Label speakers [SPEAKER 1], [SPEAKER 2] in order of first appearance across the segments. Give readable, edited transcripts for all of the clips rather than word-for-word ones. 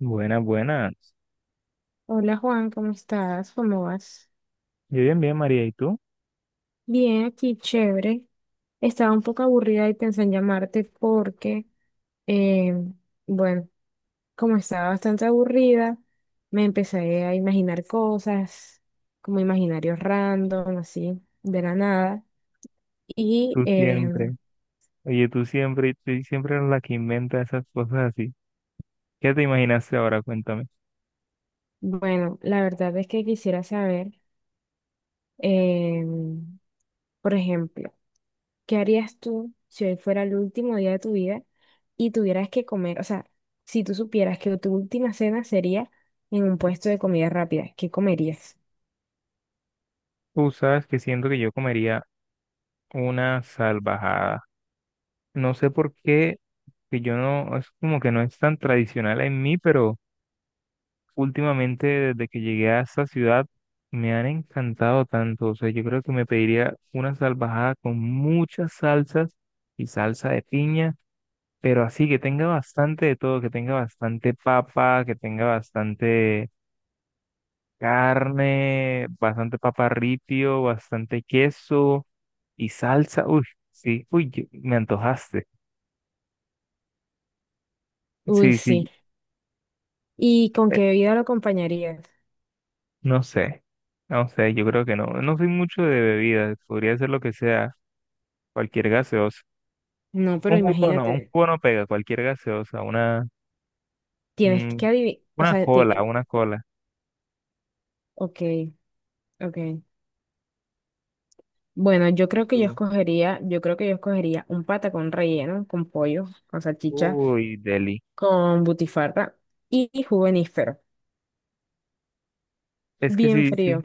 [SPEAKER 1] Buenas, buenas.
[SPEAKER 2] Hola Juan, ¿cómo estás? ¿Cómo vas?
[SPEAKER 1] Yo bien, bien, María. ¿Y tú?
[SPEAKER 2] Bien, aquí chévere. Estaba un poco aburrida y pensé en llamarte porque, eh, bueno, como estaba bastante aburrida, me empecé a imaginar cosas, como imaginarios random, así, de la nada. Y
[SPEAKER 1] Tú siempre. Oye, tú siempre eres la que inventa esas cosas así. ¿Qué te imaginaste ahora? Cuéntame.
[SPEAKER 2] bueno, la verdad es que quisiera saber, em, por ejemplo, ¿qué harías tú si hoy fuera el último día de tu vida y tuvieras que comer? O sea, si tú supieras que tu última cena sería en un puesto de comida rápida, ¿qué comerías?
[SPEAKER 1] Tú sabes que siento que yo comería una salvajada. No sé por qué, que yo no, es como que no es tan tradicional en mí, pero últimamente desde que llegué a esta ciudad me han encantado tanto. O sea, yo creo que me pediría una salvajada con muchas salsas y salsa de piña. Pero así que tenga bastante de todo, que tenga bastante papa, que tenga bastante carne, bastante papa ripio, bastante queso y salsa. Uy, sí, uy, me antojaste.
[SPEAKER 2] Uy,
[SPEAKER 1] Sí,
[SPEAKER 2] sí.
[SPEAKER 1] sí,
[SPEAKER 2] ¿Y con
[SPEAKER 1] eh,
[SPEAKER 2] qué bebida lo acompañarías?
[SPEAKER 1] no sé, yo creo que no. No soy mucho de bebidas, podría ser lo que sea, cualquier gaseosa.
[SPEAKER 2] No, pero
[SPEAKER 1] Un
[SPEAKER 2] imagínate,
[SPEAKER 1] jugo no pega, cualquier gaseosa, una,
[SPEAKER 2] tienes
[SPEAKER 1] mm,
[SPEAKER 2] que adivinar, o
[SPEAKER 1] una
[SPEAKER 2] sea,
[SPEAKER 1] cola, una cola.
[SPEAKER 2] ok, ok. Bueno,
[SPEAKER 1] ¿Y tú?
[SPEAKER 2] yo creo que yo escogería un patacón relleno con pollo, con salchicha,
[SPEAKER 1] Uy, deli.
[SPEAKER 2] con butifarra y jugo de níspero,
[SPEAKER 1] Es que
[SPEAKER 2] bien
[SPEAKER 1] sí, sí,
[SPEAKER 2] frío.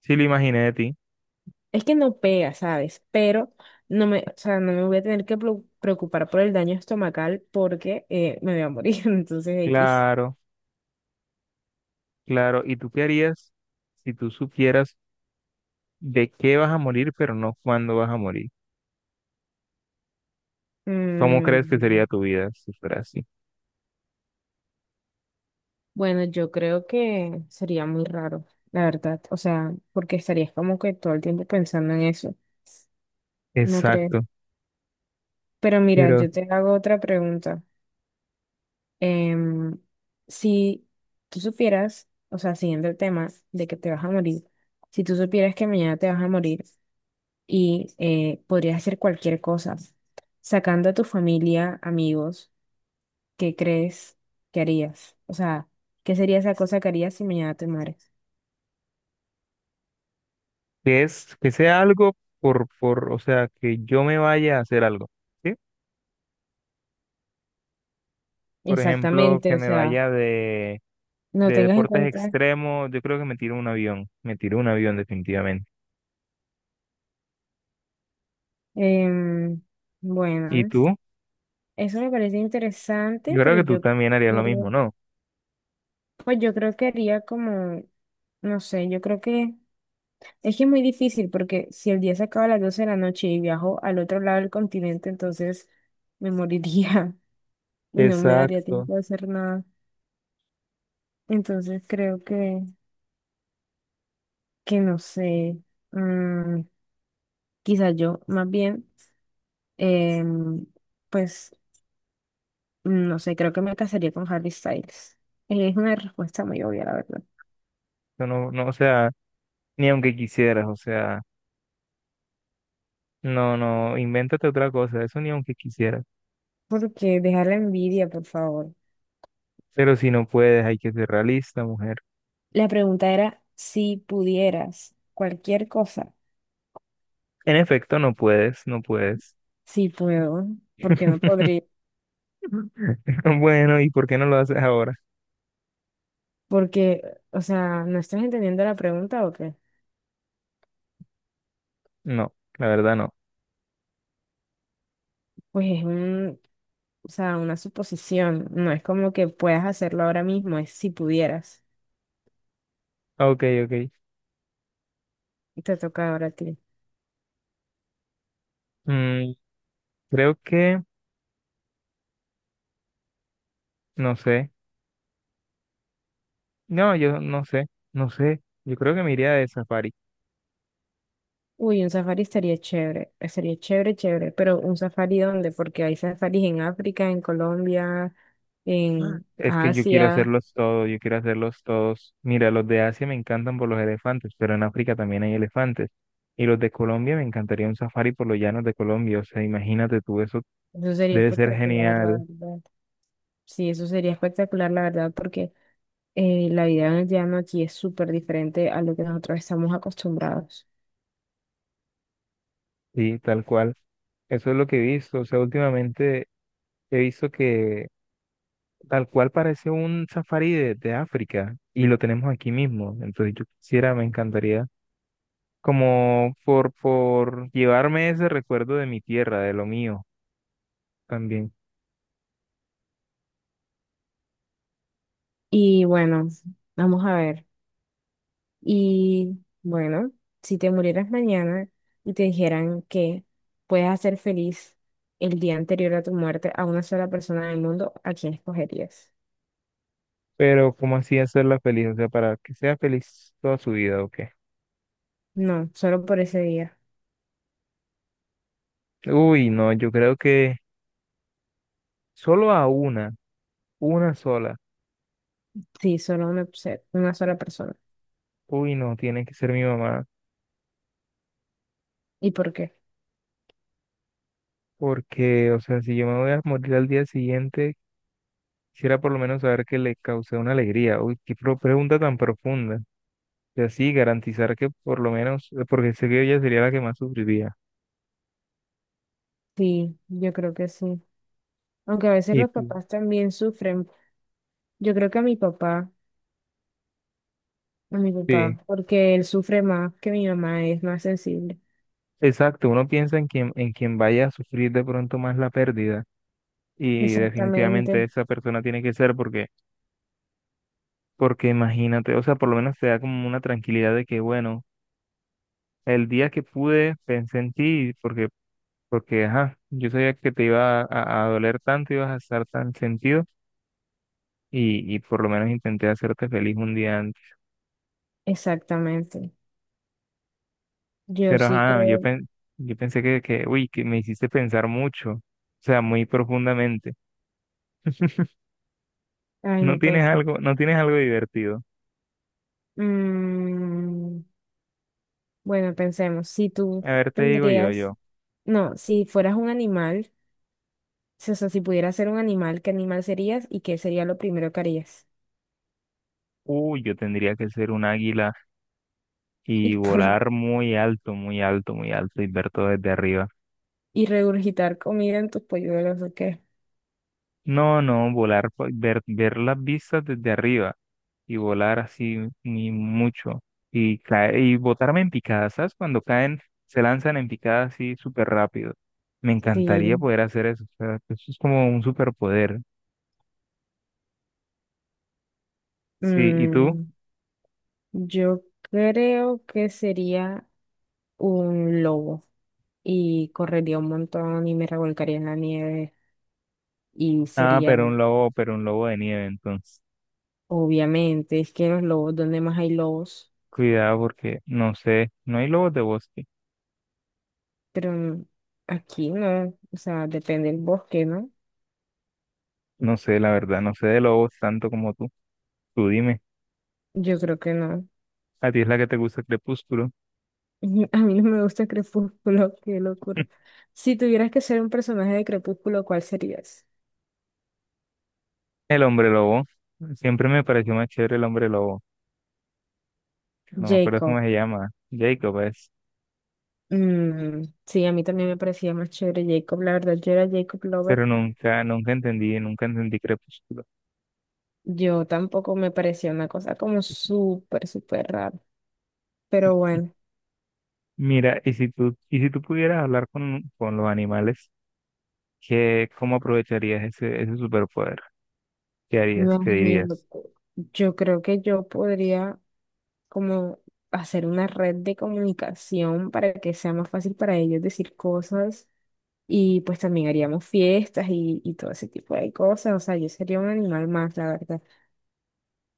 [SPEAKER 1] sí lo imaginé de ti.
[SPEAKER 2] Es que no pega, ¿sabes? Pero no me, o sea, no me voy a tener que preocupar por el daño estomacal porque me voy a morir. Entonces, X.
[SPEAKER 1] Claro, claro. ¿Y tú qué harías si tú supieras de qué vas a morir, pero no cuándo vas a morir? ¿Cómo crees que
[SPEAKER 2] Mm,
[SPEAKER 1] sería tu vida si fuera así?
[SPEAKER 2] bueno, yo creo que sería muy raro, la verdad. O sea, porque estarías como que todo el tiempo pensando en eso. ¿No crees?
[SPEAKER 1] Exacto.
[SPEAKER 2] Pero mira,
[SPEAKER 1] Pero
[SPEAKER 2] yo te hago otra pregunta. Em, si tú supieras, o sea, siguiendo el tema de que te vas a morir, si tú supieras que mañana te vas a morir, y podrías hacer cualquier cosa. Sacando a tu familia, amigos, ¿qué crees que harías? O sea, ¿qué sería esa cosa que harías si mañana te mueres?
[SPEAKER 1] que es que sea algo o sea, que yo me vaya a hacer algo, ¿sí? Por ejemplo,
[SPEAKER 2] Exactamente,
[SPEAKER 1] que
[SPEAKER 2] o
[SPEAKER 1] me
[SPEAKER 2] sea,
[SPEAKER 1] vaya
[SPEAKER 2] no
[SPEAKER 1] de
[SPEAKER 2] tengas en
[SPEAKER 1] deportes
[SPEAKER 2] cuenta.
[SPEAKER 1] extremos. Yo creo que me tiro un avión. Me tiro un avión definitivamente.
[SPEAKER 2] em,
[SPEAKER 1] ¿Y
[SPEAKER 2] bueno,
[SPEAKER 1] tú?
[SPEAKER 2] eso me parece interesante,
[SPEAKER 1] Yo creo
[SPEAKER 2] pero
[SPEAKER 1] que tú
[SPEAKER 2] yo
[SPEAKER 1] también harías lo mismo,
[SPEAKER 2] creo,
[SPEAKER 1] ¿no?
[SPEAKER 2] pues yo creo que haría como, no sé, yo creo que es muy difícil porque si el día se acaba a las 12 de la noche y viajo al otro lado del continente, entonces me moriría. No me daría
[SPEAKER 1] Exacto.
[SPEAKER 2] tiempo de hacer nada. Entonces creo que, no sé, mm, quizás yo más bien, em, pues no sé, creo que me casaría con Harry Styles. Es una respuesta muy obvia, la verdad.
[SPEAKER 1] Yo no, no, o sea, ni aunque quisieras, o sea. No, no, invéntate otra cosa, eso ni aunque quisieras.
[SPEAKER 2] Porque dejar la envidia, por favor.
[SPEAKER 1] Pero si no puedes, hay que ser realista, mujer.
[SPEAKER 2] La pregunta era si pudieras cualquier cosa.
[SPEAKER 1] En efecto, no puedes, no puedes.
[SPEAKER 2] Si puedo, porque no podría.
[SPEAKER 1] Bueno, ¿y por qué no lo haces ahora?
[SPEAKER 2] Porque, o sea, ¿no estás entendiendo la pregunta o qué?
[SPEAKER 1] No, la verdad no.
[SPEAKER 2] Pues es un, O sea, una suposición. No es como que puedas hacerlo ahora mismo, es si pudieras.
[SPEAKER 1] Ok, ok.
[SPEAKER 2] Te toca ahora a ti.
[SPEAKER 1] Mm, creo que, no sé. No, yo no sé, no sé. Yo creo que me iría de safari.
[SPEAKER 2] Uy, un safari estaría chévere. Estaría chévere, chévere. Pero ¿un safari dónde? Porque hay safaris en África, en Colombia, en
[SPEAKER 1] Es que yo quiero
[SPEAKER 2] Asia.
[SPEAKER 1] hacerlos todos, yo quiero hacerlos todos. Mira, los de Asia me encantan por los elefantes, pero en África también hay elefantes. Y los de Colombia, me encantaría un safari por los llanos de Colombia. O sea, imagínate tú, eso
[SPEAKER 2] Eso sería
[SPEAKER 1] debe ser
[SPEAKER 2] espectacular, la
[SPEAKER 1] genial,
[SPEAKER 2] verdad. Sí, eso sería espectacular, la verdad, porque la vida en el llano aquí es súper diferente a lo que nosotros estamos acostumbrados.
[SPEAKER 1] sí, tal cual. Eso es lo que he visto. O sea, últimamente he visto que tal cual parece un safari de África y lo tenemos aquí mismo. Entonces yo quisiera, me encantaría como por llevarme ese recuerdo de mi tierra, de lo mío también.
[SPEAKER 2] Y bueno, vamos a ver. Y bueno, si te murieras mañana y te dijeran que puedes hacer feliz el día anterior a tu muerte a una sola persona del mundo, ¿a quién escogerías?
[SPEAKER 1] Pero, ¿cómo así hacerla feliz? O sea, para que sea feliz toda su vida, ¿o qué?
[SPEAKER 2] No, solo por ese día.
[SPEAKER 1] Uy, no, yo creo que solo a una sola.
[SPEAKER 2] Sí, solo una, una sola persona.
[SPEAKER 1] Uy, no, tiene que ser mi mamá.
[SPEAKER 2] ¿Y por qué?
[SPEAKER 1] Porque, o sea, si yo me voy a morir al día siguiente, quisiera por lo menos saber que le causé una alegría. Uy, qué pregunta tan profunda. Y así garantizar que por lo menos, porque sé que ella sería la que más sufriría.
[SPEAKER 2] Sí, yo creo que sí. Aunque a veces
[SPEAKER 1] ¿Y
[SPEAKER 2] los
[SPEAKER 1] tú?
[SPEAKER 2] papás también sufren. Yo creo que a mi
[SPEAKER 1] Sí,
[SPEAKER 2] papá, porque él sufre más que mi mamá, es más sensible.
[SPEAKER 1] exacto. Uno piensa en quien vaya a sufrir de pronto más la pérdida. Y definitivamente
[SPEAKER 2] Exactamente,
[SPEAKER 1] esa persona tiene que ser porque... Porque imagínate, o sea, por lo menos te da como una tranquilidad de que, bueno, el día que pude pensé en ti, porque, ajá, yo sabía que te iba a doler tanto, ibas a estar tan sentido, y por lo menos intenté hacerte feliz un día antes.
[SPEAKER 2] exactamente. Yo
[SPEAKER 1] Pero,
[SPEAKER 2] sí
[SPEAKER 1] ajá, yo,
[SPEAKER 2] creo.
[SPEAKER 1] pen- yo pensé que, uy, que me hiciste pensar mucho, o sea, muy profundamente.
[SPEAKER 2] Ay,
[SPEAKER 1] No
[SPEAKER 2] no puede
[SPEAKER 1] tienes
[SPEAKER 2] ser.
[SPEAKER 1] algo, no tienes algo divertido.
[SPEAKER 2] Mm, bueno, pensemos, si tú
[SPEAKER 1] A ver, te digo yo,
[SPEAKER 2] tendrías,
[SPEAKER 1] yo,
[SPEAKER 2] no, si fueras un animal, o sea, si pudieras ser un animal, ¿qué animal serías y qué sería lo primero que harías?
[SPEAKER 1] uy, yo tendría que ser un águila y
[SPEAKER 2] Y por
[SPEAKER 1] volar muy alto, muy alto, muy alto y ver todo desde arriba.
[SPEAKER 2] y regurgitar comida en tus polluelos, ¿o qué?
[SPEAKER 1] No, no, volar, ver, ver las vistas desde arriba y volar así ni mucho y caer, y botarme en picadas, ¿sabes? Cuando caen, se lanzan en picada así súper rápido. Me encantaría
[SPEAKER 2] Sí.
[SPEAKER 1] poder hacer eso, o sea, eso es como un superpoder. Sí, ¿y tú?
[SPEAKER 2] Mm, yo creo que sería un lobo y correría un montón y me revolcaría en la nieve y
[SPEAKER 1] Ah,
[SPEAKER 2] sería,
[SPEAKER 1] pero un lobo de nieve, entonces.
[SPEAKER 2] obviamente, es que los lobos, ¿dónde más hay lobos?
[SPEAKER 1] Cuidado porque no sé, no hay lobos de bosque.
[SPEAKER 2] Pero aquí no, o sea, depende del bosque, ¿no?
[SPEAKER 1] No sé, la verdad, no sé de lobos tanto como tú. Tú dime,
[SPEAKER 2] Yo creo que no.
[SPEAKER 1] ¿a ti es la que te gusta Crepúsculo?
[SPEAKER 2] A mí no me gusta Crepúsculo, qué locura. Si tuvieras que ser un personaje de Crepúsculo, ¿cuál serías?
[SPEAKER 1] El hombre lobo. Siempre me pareció más chévere el hombre lobo. No me acuerdo cómo
[SPEAKER 2] Jacob.
[SPEAKER 1] se llama. Jacob es.
[SPEAKER 2] Mm, sí, a mí también me parecía más chévere Jacob. La verdad, yo era Jacob Lover.
[SPEAKER 1] Pero nunca, nunca entendí, nunca entendí Crepúsculo.
[SPEAKER 2] Yo tampoco me parecía una cosa como súper, súper rara. Pero bueno,
[SPEAKER 1] Mira, y si tú pudieras hablar con los animales, ¿qué, cómo aprovecharías ese, ese superpoder? ¿Qué harías? ¿Qué
[SPEAKER 2] imagínate.
[SPEAKER 1] dirías?
[SPEAKER 2] Yo creo que yo podría. Como hacer una red de comunicación para que sea más fácil para ellos decir cosas y pues también haríamos fiestas y todo ese tipo de cosas, o sea, yo sería un animal más, la verdad.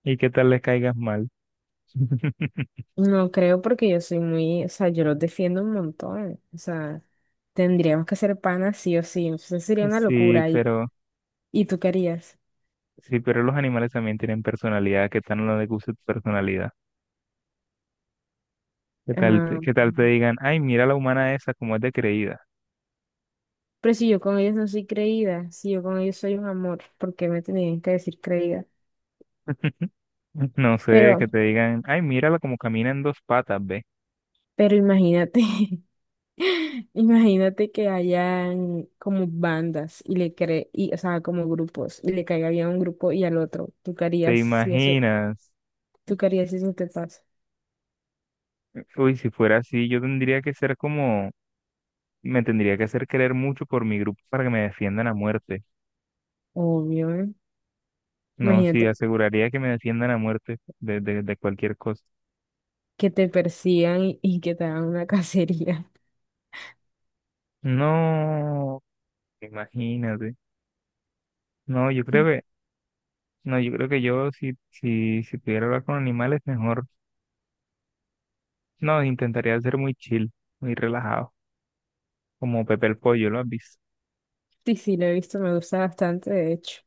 [SPEAKER 1] ¿Y qué tal les caigas mal?
[SPEAKER 2] No creo porque yo soy muy, o sea, yo los defiendo un montón, o sea, tendríamos que ser panas sí o sí, eso sería una
[SPEAKER 1] Sí,
[SPEAKER 2] locura
[SPEAKER 1] pero,
[SPEAKER 2] y tú querías.
[SPEAKER 1] sí, pero los animales también tienen personalidad. ¿Qué tal no les gusta tu personalidad? ¿Qué tal,
[SPEAKER 2] Ah,
[SPEAKER 1] qué tal te digan, ay, mira la humana esa, como es de creída?
[SPEAKER 2] pero si yo con ellos no soy creída, si yo con ellos soy un amor, ¿por qué me tenían que decir creída?
[SPEAKER 1] No sé,
[SPEAKER 2] Pero,
[SPEAKER 1] que te digan, ay, mírala como camina en dos patas, ve.
[SPEAKER 2] pero imagínate. Imagínate que hayan como bandas o sea, como grupos, y le caiga bien a un grupo y al otro.
[SPEAKER 1] ¿Te imaginas?
[SPEAKER 2] Tú qué harías si eso te pasa?
[SPEAKER 1] Uy, si fuera así, yo tendría que ser como, me tendría que hacer querer mucho por mi grupo para que me defiendan a muerte.
[SPEAKER 2] Obvio, ¿eh?
[SPEAKER 1] No, sí,
[SPEAKER 2] Imagínate
[SPEAKER 1] aseguraría que me defiendan a muerte de cualquier cosa.
[SPEAKER 2] que te persigan y que te hagan una cacería.
[SPEAKER 1] No, imagínate. No, yo creo que, no, yo creo que yo si, si, si pudiera hablar con animales, mejor. No, intentaría ser muy chill, muy relajado, como Pepe el Pollo, ¿lo has visto?
[SPEAKER 2] Sí, sí, lo he visto, me gusta bastante, de hecho.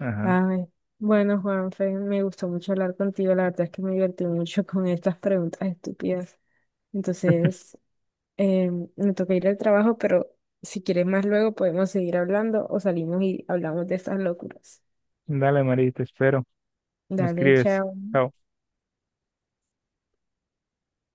[SPEAKER 1] Ajá.
[SPEAKER 2] Ay, bueno, Juanfe, me gustó mucho hablar contigo, la verdad es que me divertí mucho con estas preguntas estúpidas. Entonces, me toca ir al trabajo, pero si quieres más luego podemos seguir hablando o salimos y hablamos de estas locuras.
[SPEAKER 1] Dale, María, te espero. Me
[SPEAKER 2] Dale,
[SPEAKER 1] escribes.
[SPEAKER 2] chao.
[SPEAKER 1] Chao.